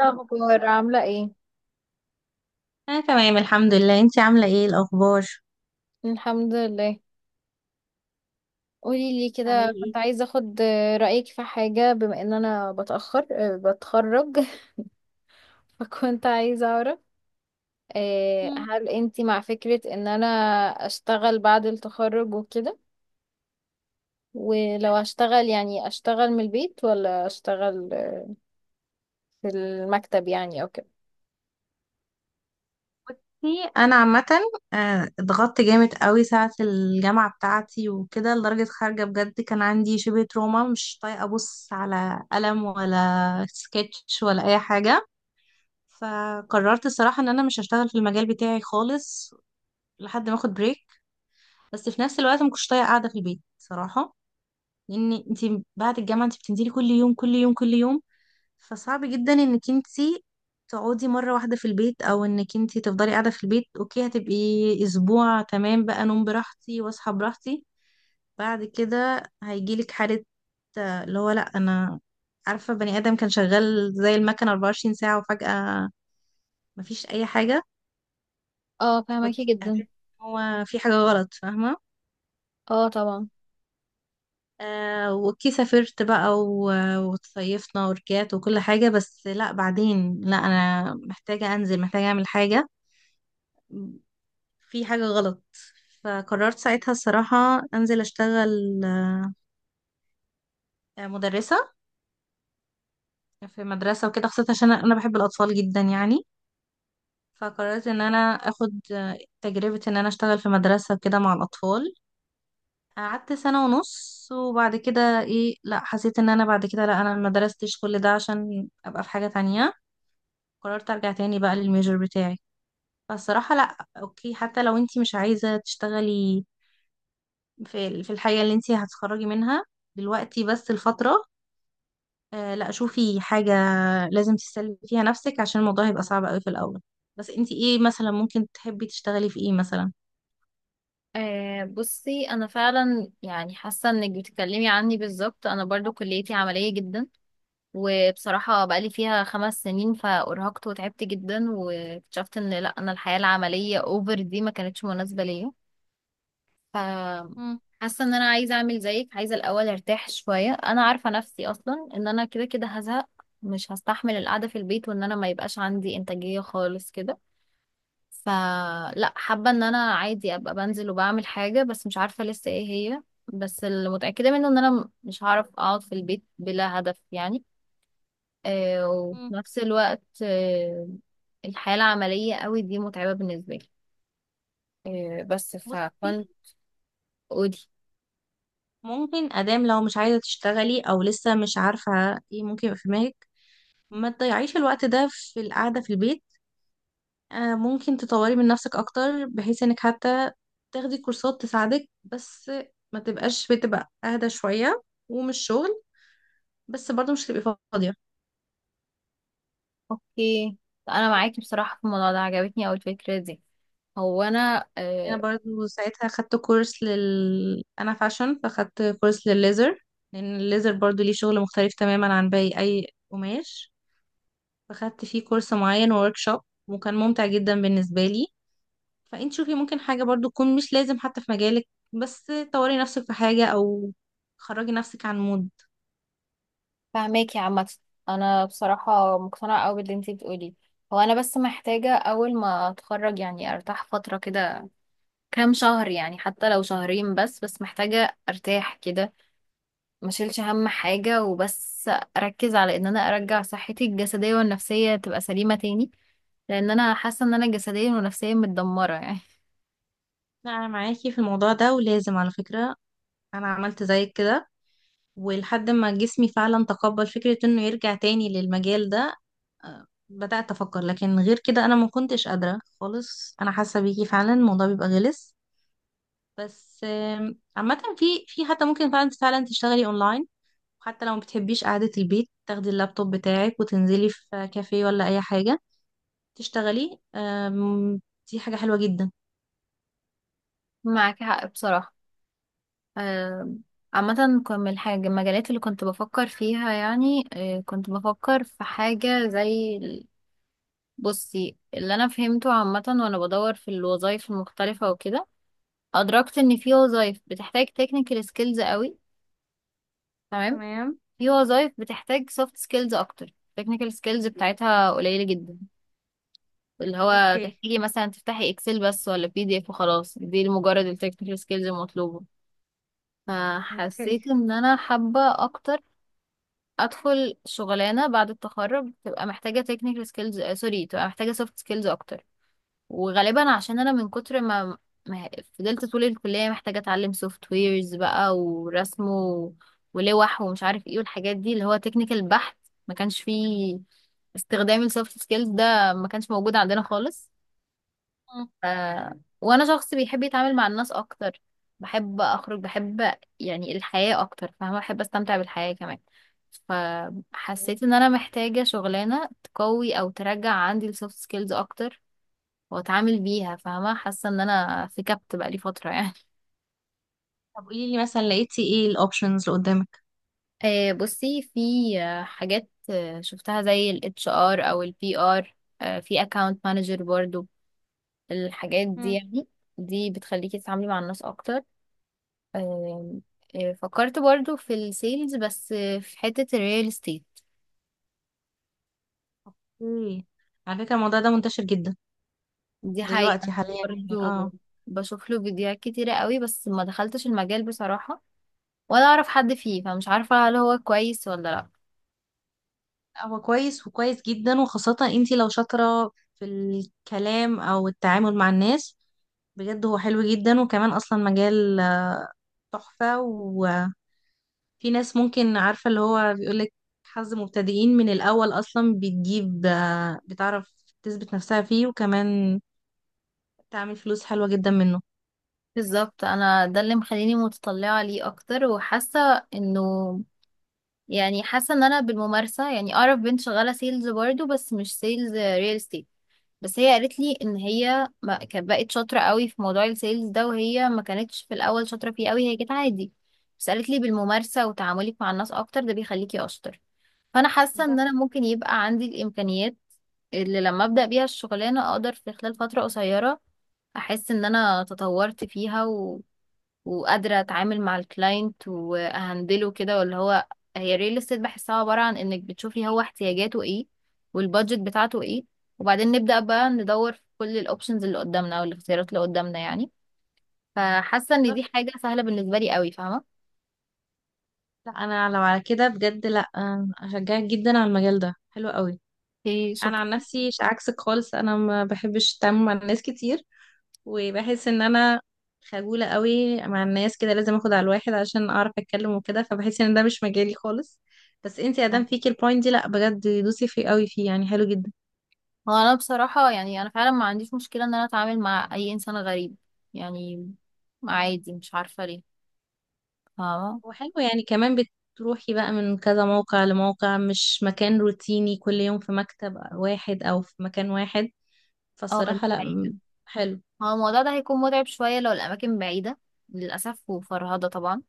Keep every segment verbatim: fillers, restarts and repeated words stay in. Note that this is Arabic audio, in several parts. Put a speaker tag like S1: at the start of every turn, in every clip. S1: الأخبار عاملة ايه؟
S2: انا تمام الحمد لله. انتي عامله ايه الاخبار؟
S1: الحمد لله. قولي لي
S2: بتعملي
S1: كده، كنت
S2: ايه؟
S1: عايزة اخد رأيك في حاجة، بما ان انا بتأخر آه، بتخرج. فكنت عايزة اعرف آه،
S2: مم.
S1: هل انتي مع فكرة ان انا اشتغل بعد التخرج وكده، ولو هشتغل يعني اشتغل من البيت ولا اشتغل آه، في المكتب يعني او كده.
S2: بصي، انا عامه آه، اتضغطت جامد قوي ساعه الجامعه بتاعتي وكده لدرجه خارجه بجد كان عندي شبه تروما، مش طايقه ابص على قلم ولا سكتش ولا اي حاجه. فقررت الصراحه ان انا مش هشتغل في المجال بتاعي خالص لحد ما اخد بريك. بس في نفس الوقت ما كنتش طايقه قاعده في البيت صراحه، لان انتي بعد الجامعه انتي بتنزلي كل يوم كل يوم كل يوم. فصعب جدا انك انتي تقعدي مرة واحدة في البيت، او انك انتي تفضلي قاعدة في البيت. اوكي، هتبقي اسبوع تمام بقى، نوم براحتي واصحى براحتي. بعد كده هيجيلك حالة، آه، اللي هو لا، انا عارفة، بني ادم كان شغال زي المكنة 24 ساعة وفجأة مفيش اي حاجة.
S1: اه، فهمكي
S2: فت- هتحسي
S1: جدا.
S2: إن هو في حاجة غلط، فاهمة؟
S1: اه طبعا.
S2: آه وكي سافرت بقى و- وتصيفنا ورجعت وكل حاجة. بس لا، بعدين لا، أنا محتاجة أنزل، محتاجة أعمل حاجة. في حاجة غلط. فقررت ساعتها الصراحة أنزل أشتغل. آه، مدرسة، في مدرسة وكده، خاصة عشان أنا بحب الأطفال جدا يعني. فقررت إن أنا أخد آه، تجربة إن أنا أشتغل في مدرسة وكده مع الأطفال. قعدت سنة ونص، وبعد كده إيه، لأ، حسيت إن أنا بعد كده لأ، أنا مدرستش كل ده عشان أبقى في حاجة تانية. قررت أرجع تاني بقى للميجر بتاعي. فالصراحة لأ، أوكي حتى لو أنتي مش عايزة تشتغلي في ال- في الحاجة اللي انتي هتتخرجي منها دلوقتي، بس الفترة. آه لا، شوفي، حاجة لازم تسلي فيها نفسك عشان الموضوع هيبقى صعب قوي في الأول. بس انتي ايه مثلا ممكن تحبي تشتغلي في ايه مثلا؟
S1: آه بصي، انا فعلا يعني حاسه انك بتتكلمي عني بالظبط، انا برضو كليتي عمليه جدا، وبصراحة بقالي فيها خمس سنين فأرهقت وتعبت جدا، واكتشفت ان لا، انا الحياة العملية اوفر دي ما كانتش مناسبة ليا. ف
S2: مم.
S1: حاسة ان انا عايزة اعمل زيك، عايزة الاول ارتاح شوية. انا عارفة نفسي اصلا ان انا كده كده هزهق، مش هستحمل القعدة في البيت، وان انا ما يبقاش عندي انتاجية خالص كده. فلا، حابة ان انا عادي ابقى بنزل وبعمل حاجة، بس مش عارفة لسه ايه هي. بس اللي متأكدة منه ان انا مش هعرف اقعد في البيت بلا هدف يعني. آه، وفي
S2: مم.
S1: نفس الوقت آه، الحياة العملية قوي دي متعبة بالنسبة لي. آه، بس
S2: بصي،
S1: فكنت قولي.
S2: ممكن أدام لو مش عايزة تشتغلي أو لسه مش عارفة ايه ممكن يبقى في دماغك، ما تضيعيش الوقت ده في القعدة في البيت. آه ممكن تطوري من نفسك أكتر بحيث انك حتى تاخدي كورسات تساعدك. بس ما تبقاش، بتبقى أهدى شوية ومش شغل، بس برضو مش هتبقي فاضية.
S1: اوكي، انا
S2: اوكي.
S1: معاكي بصراحة في الموضوع ده، عجبتني اوي الفكرة دي. هو انا
S2: انا
S1: آه،
S2: برضو ساعتها خدت كورس لل انا فاشن، فخدت كورس للليزر. لان الليزر برضو ليه شغل مختلف تماما عن باقي اي قماش. فخدت فيه كورس معين ووركشوب، وكان ممتع جدا بالنسبة لي. فانت شوفي، ممكن حاجة برضو تكون مش لازم حتى في مجالك، بس طوري نفسك في حاجة او خرجي نفسك عن مود.
S1: فاهماكي عامة. انا بصراحة مقتنعة اوي باللي انتي بتقوليه، هو انا بس محتاجة اول ما اتخرج يعني ارتاح فترة كده، كام شهر يعني، حتى لو شهرين بس، بس محتاجة ارتاح كده، ما شيلش هم حاجة وبس، اركز على ان انا ارجع صحتي الجسدية والنفسية تبقى سليمة تاني، لان انا حاسة ان انا جسديا ونفسيا متدمرة يعني.
S2: لا انا معاكي في الموضوع ده ولازم. على فكرة، انا عملت زيك كده، ولحد ما جسمي فعلا تقبل فكرة انه يرجع تاني للمجال ده. آه، بدأت افكر، لكن غير كده انا ما كنتش قادرة خالص. انا حاسة بيكي فعلا الموضوع بيبقى غلس. بس آم، عامة، في في حتى ممكن فعلا فعلا تشتغلي اونلاين. حتى لو ما بتحبيش قعدة البيت، تاخدي اللابتوب بتاعك وتنزلي في كافيه ولا اي حاجة تشتغلي. آم، دي حاجة حلوة جدا.
S1: معاك حق بصراحة. آم، عامة كان من الحاجة المجالات اللي كنت بفكر فيها يعني، آه، كنت بفكر في حاجة زي ال- بصي، اللي أنا فهمته عامة وأنا بدور في الوظائف المختلفة وكده، أدركت إن في وظائف بتحتاج technical skills قوي، تمام،
S2: تمام.
S1: في وظائف بتحتاج سوفت سكيلز اكتر، التكنيكال سكيلز بتاعتها قليلة جدا، اللي هو
S2: اوكي.
S1: تحتاجي مثلا تفتحي اكسل بس ولا بي دي اف وخلاص، دي مجرد التكنيكال سكيلز المطلوبة.
S2: اوكي.
S1: فحسيت ان انا حابة اكتر ادخل شغلانة بعد التخرج تبقى محتاجة تكنيكال سكيلز، سوري، تبقى محتاجة سوفت سكيلز اكتر. وغالبا عشان انا من كتر ما ما فضلت طول الكلية محتاجة اتعلم سوفت ويرز بقى ورسم و- ولوح ومش عارف ايه، والحاجات دي اللي هو تكنيكال بحت، ما كانش فيه استخدام السوفت سكيلز، ده ما كانش موجود عندنا خالص. ف... وانا شخص بيحب يتعامل مع الناس اكتر، بحب اخرج، بحب يعني الحياة اكتر، فاهمة، بحب استمتع بالحياة كمان.
S2: أوكي.
S1: فحسيت ان انا محتاجة شغلانة تقوي او ترجع عندي السوفت سكيلز اكتر واتعامل بيها، فاهمة، حاسة ان انا في كبت بقالي فترة يعني.
S2: طب قولي لي مثلا، لقيتي ايه الاوبشنز اللي قدامك؟
S1: آه، بصي، في آه، حاجات آه، شفتها زي ال H R او ال P R، آه، في account manager برضو، الحاجات دي يعني، دي بتخليكي تتعاملي مع الناس اكتر. آه، آه، فكرت برضو في السيلز، بس آه، في حتة الريال استيت.
S2: اوكي. على فكرة، الموضوع ده منتشر جدا
S1: دي حقيقة.
S2: دلوقتي حاليا يعني، اه.
S1: برضو بشوف له فيديوهات كتيرة قوي، بس ما دخلتش المجال بصراحة ولا اعرف حد فيه، فمش عارفة هل هو كويس ولا لا.
S2: هو كويس، وكويس جدا، وخاصة انتي لو شاطرة في الكلام او التعامل مع الناس بجد. هو حلو جدا، وكمان اصلا مجال تحفة. وفي ناس ممكن، عارفة اللي هو بيقولك حظ مبتدئين، من الاول اصلا بتجيب آه، بتعرف تثبت نفسها فيه، وكمان تعمل فلوس حلوة جدا منه.
S1: بالظبط، انا ده اللي مخليني متطلعه ليه اكتر، وحاسه انه يعني حاسه ان انا بالممارسه يعني. اعرف بنت شغاله سيلز برضو، بس مش سيلز ريل استيت، بس هي قالت لي ان هي ما كانت بقت شاطره قوي في موضوع السيلز ده، وهي ما كانتش في الاول شاطره فيه قوي، هي كانت عادي، بس قالت لي بالممارسه وتعاملك مع الناس اكتر ده بيخليكي اشطر. فانا حاسه
S2: ده.
S1: ان انا ممكن يبقى عندي الامكانيات، اللي لما ابدا بيها الشغلانه اقدر في خلال فتره قصيره احس ان انا تطورت فيها، وقادرة اتعامل مع الكلاينت واهندله كده ولا هو. هي الريل استيت بحسها عبارة عن انك بتشوفي هو احتياجاته ايه، والبادجت بتاعته ايه، وبعدين نبدأ بقى ندور في كل الاوبشنز اللي قدامنا او الاختيارات اللي قدامنا يعني. فحاسة ان
S2: بالظبط.
S1: دي حاجة سهلة بالنسبة لي قوي، فاهمة.
S2: لا، انا لو على كده بجد لا، آه، اشجعك جدا على المجال ده، حلو قوي.
S1: اوكي،
S2: انا عن
S1: شكرا.
S2: نفسي، ش- عكسك خالص، انا ما بحبش التعامل مع الناس كتير. وبحس ان انا خجولة قوي مع الناس، كده لازم اخد على الواحد عشان اعرف اتكلم وكده، فبحس ان ده مش مجالي خالص. بس انتي ادام فيكي البوينت دي، لا بجد دوسي فيه قوي، فيه يعني حلو جدا.
S1: هو انا بصراحة يعني انا فعلا ما عنديش مشكلة ان انا اتعامل مع اي انسان غريب يعني، عادي، مش عارفة ليه، فاهمة.
S2: وحلو يعني، كمان بتروحي بقى من كذا موقع لموقع، مش مكان روتيني كل يوم في مكتب واحد او في مكان واحد.
S1: اه دي
S2: فالصراحة لا، م-
S1: حقيقة.
S2: حلو.
S1: هو الموضوع ده هيكون متعب شوية لو الأماكن بعيدة للأسف، وفرهدة طبعا.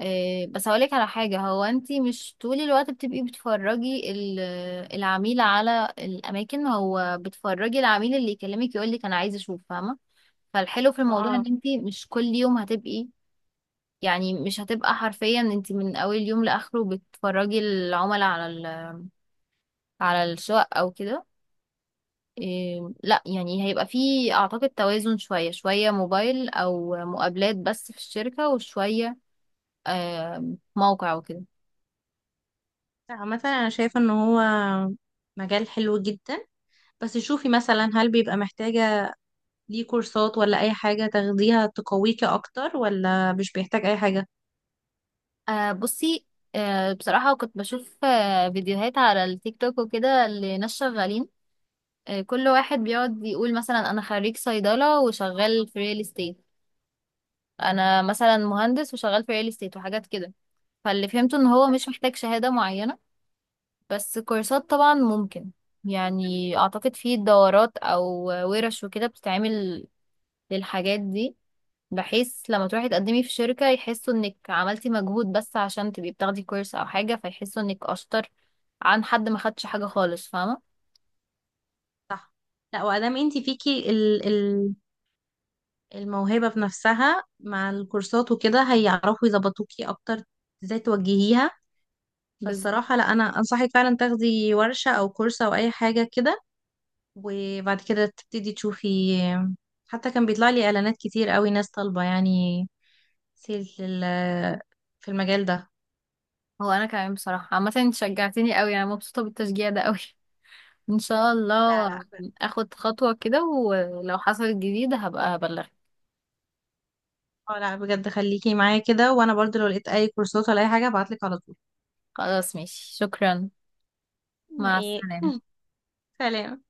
S1: إيه، بس هقولك على حاجة، هو انتي مش طول الوقت بتبقي بتفرجي ال- العميل على الأماكن، هو بتفرجي العميل اللي يكلمك يقولك أنا عايز أشوف، فاهمة. فالحلو في الموضوع
S2: اه.
S1: إن انتي مش كل يوم هتبقي، يعني مش هتبقى حرفيا انتي من أول يوم لآخره بتفرجي العملاء على ال- على الشقق أو كده. إيه لا، يعني هيبقى فيه اعتقد توازن، شوية شوية موبايل او مقابلات بس في الشركة، وشوية آه موقع وكده.
S2: عامة انا شايفة ان هو مجال حلو جدا. بس شوفي مثلا، هل بيبقى محتاجة ليه كورسات ولا أي حاجة تاخديها تقويكي أكتر، ولا مش بيحتاج أي حاجة؟
S1: آه بصي، آه بصراحة كنت بشوف آه فيديوهات على التيك توك وكده لناس شغالين. آه كل واحد بيقعد يقول مثلا انا خريج صيدلة وشغال في ريل استيت، انا مثلا مهندس وشغال في ريل استيت وحاجات كده. فاللي فهمته ان هو مش محتاج شهادة معينة، بس كورسات طبعا ممكن، يعني اعتقد في دورات او ورش وكده بتتعمل للحاجات دي، بحيث لما تروحي تقدمي في شركة يحسوا انك عملتي مجهود، بس عشان تبقي بتاخدي كورس او حاجة فيحسوا انك اشطر عن حد ما خدش حاجة خالص، فاهمة.
S2: صح. لا وأدام انتي فيكي ال ال الموهبة بنفسها، مع الكورسات وكده هيعرفوا يظبطوكي أكتر، ازاي توجهيها.
S1: بالظبط.
S2: فالصراحة لا، أنا أنصحك فعلا تاخدي ورشة أو كورس أو أي حاجة كده. وبعد كده تبتدي تشوفي. حتى كان بيطلع لي إعلانات كتير قوي، ناس طالبة يعني سيل في ال- في المجال ده.
S1: هو انا كمان بصراحة عامة انت شجعتيني قوي، انا مبسوطة بالتشجيع ده قوي. ان شاء
S2: لا،
S1: الله
S2: لا.
S1: اخد خطوة كده، ولو حصلت جديدة هبقى هبلغك.
S2: اه، لا بجد خليكي معايا كده، وانا برضو لو لقيت اي كورسات ولا اي حاجة هبعتلك على طول.
S1: خلاص ماشي، شكرا. مع
S2: ايه.
S1: السلامة.
S2: سلام.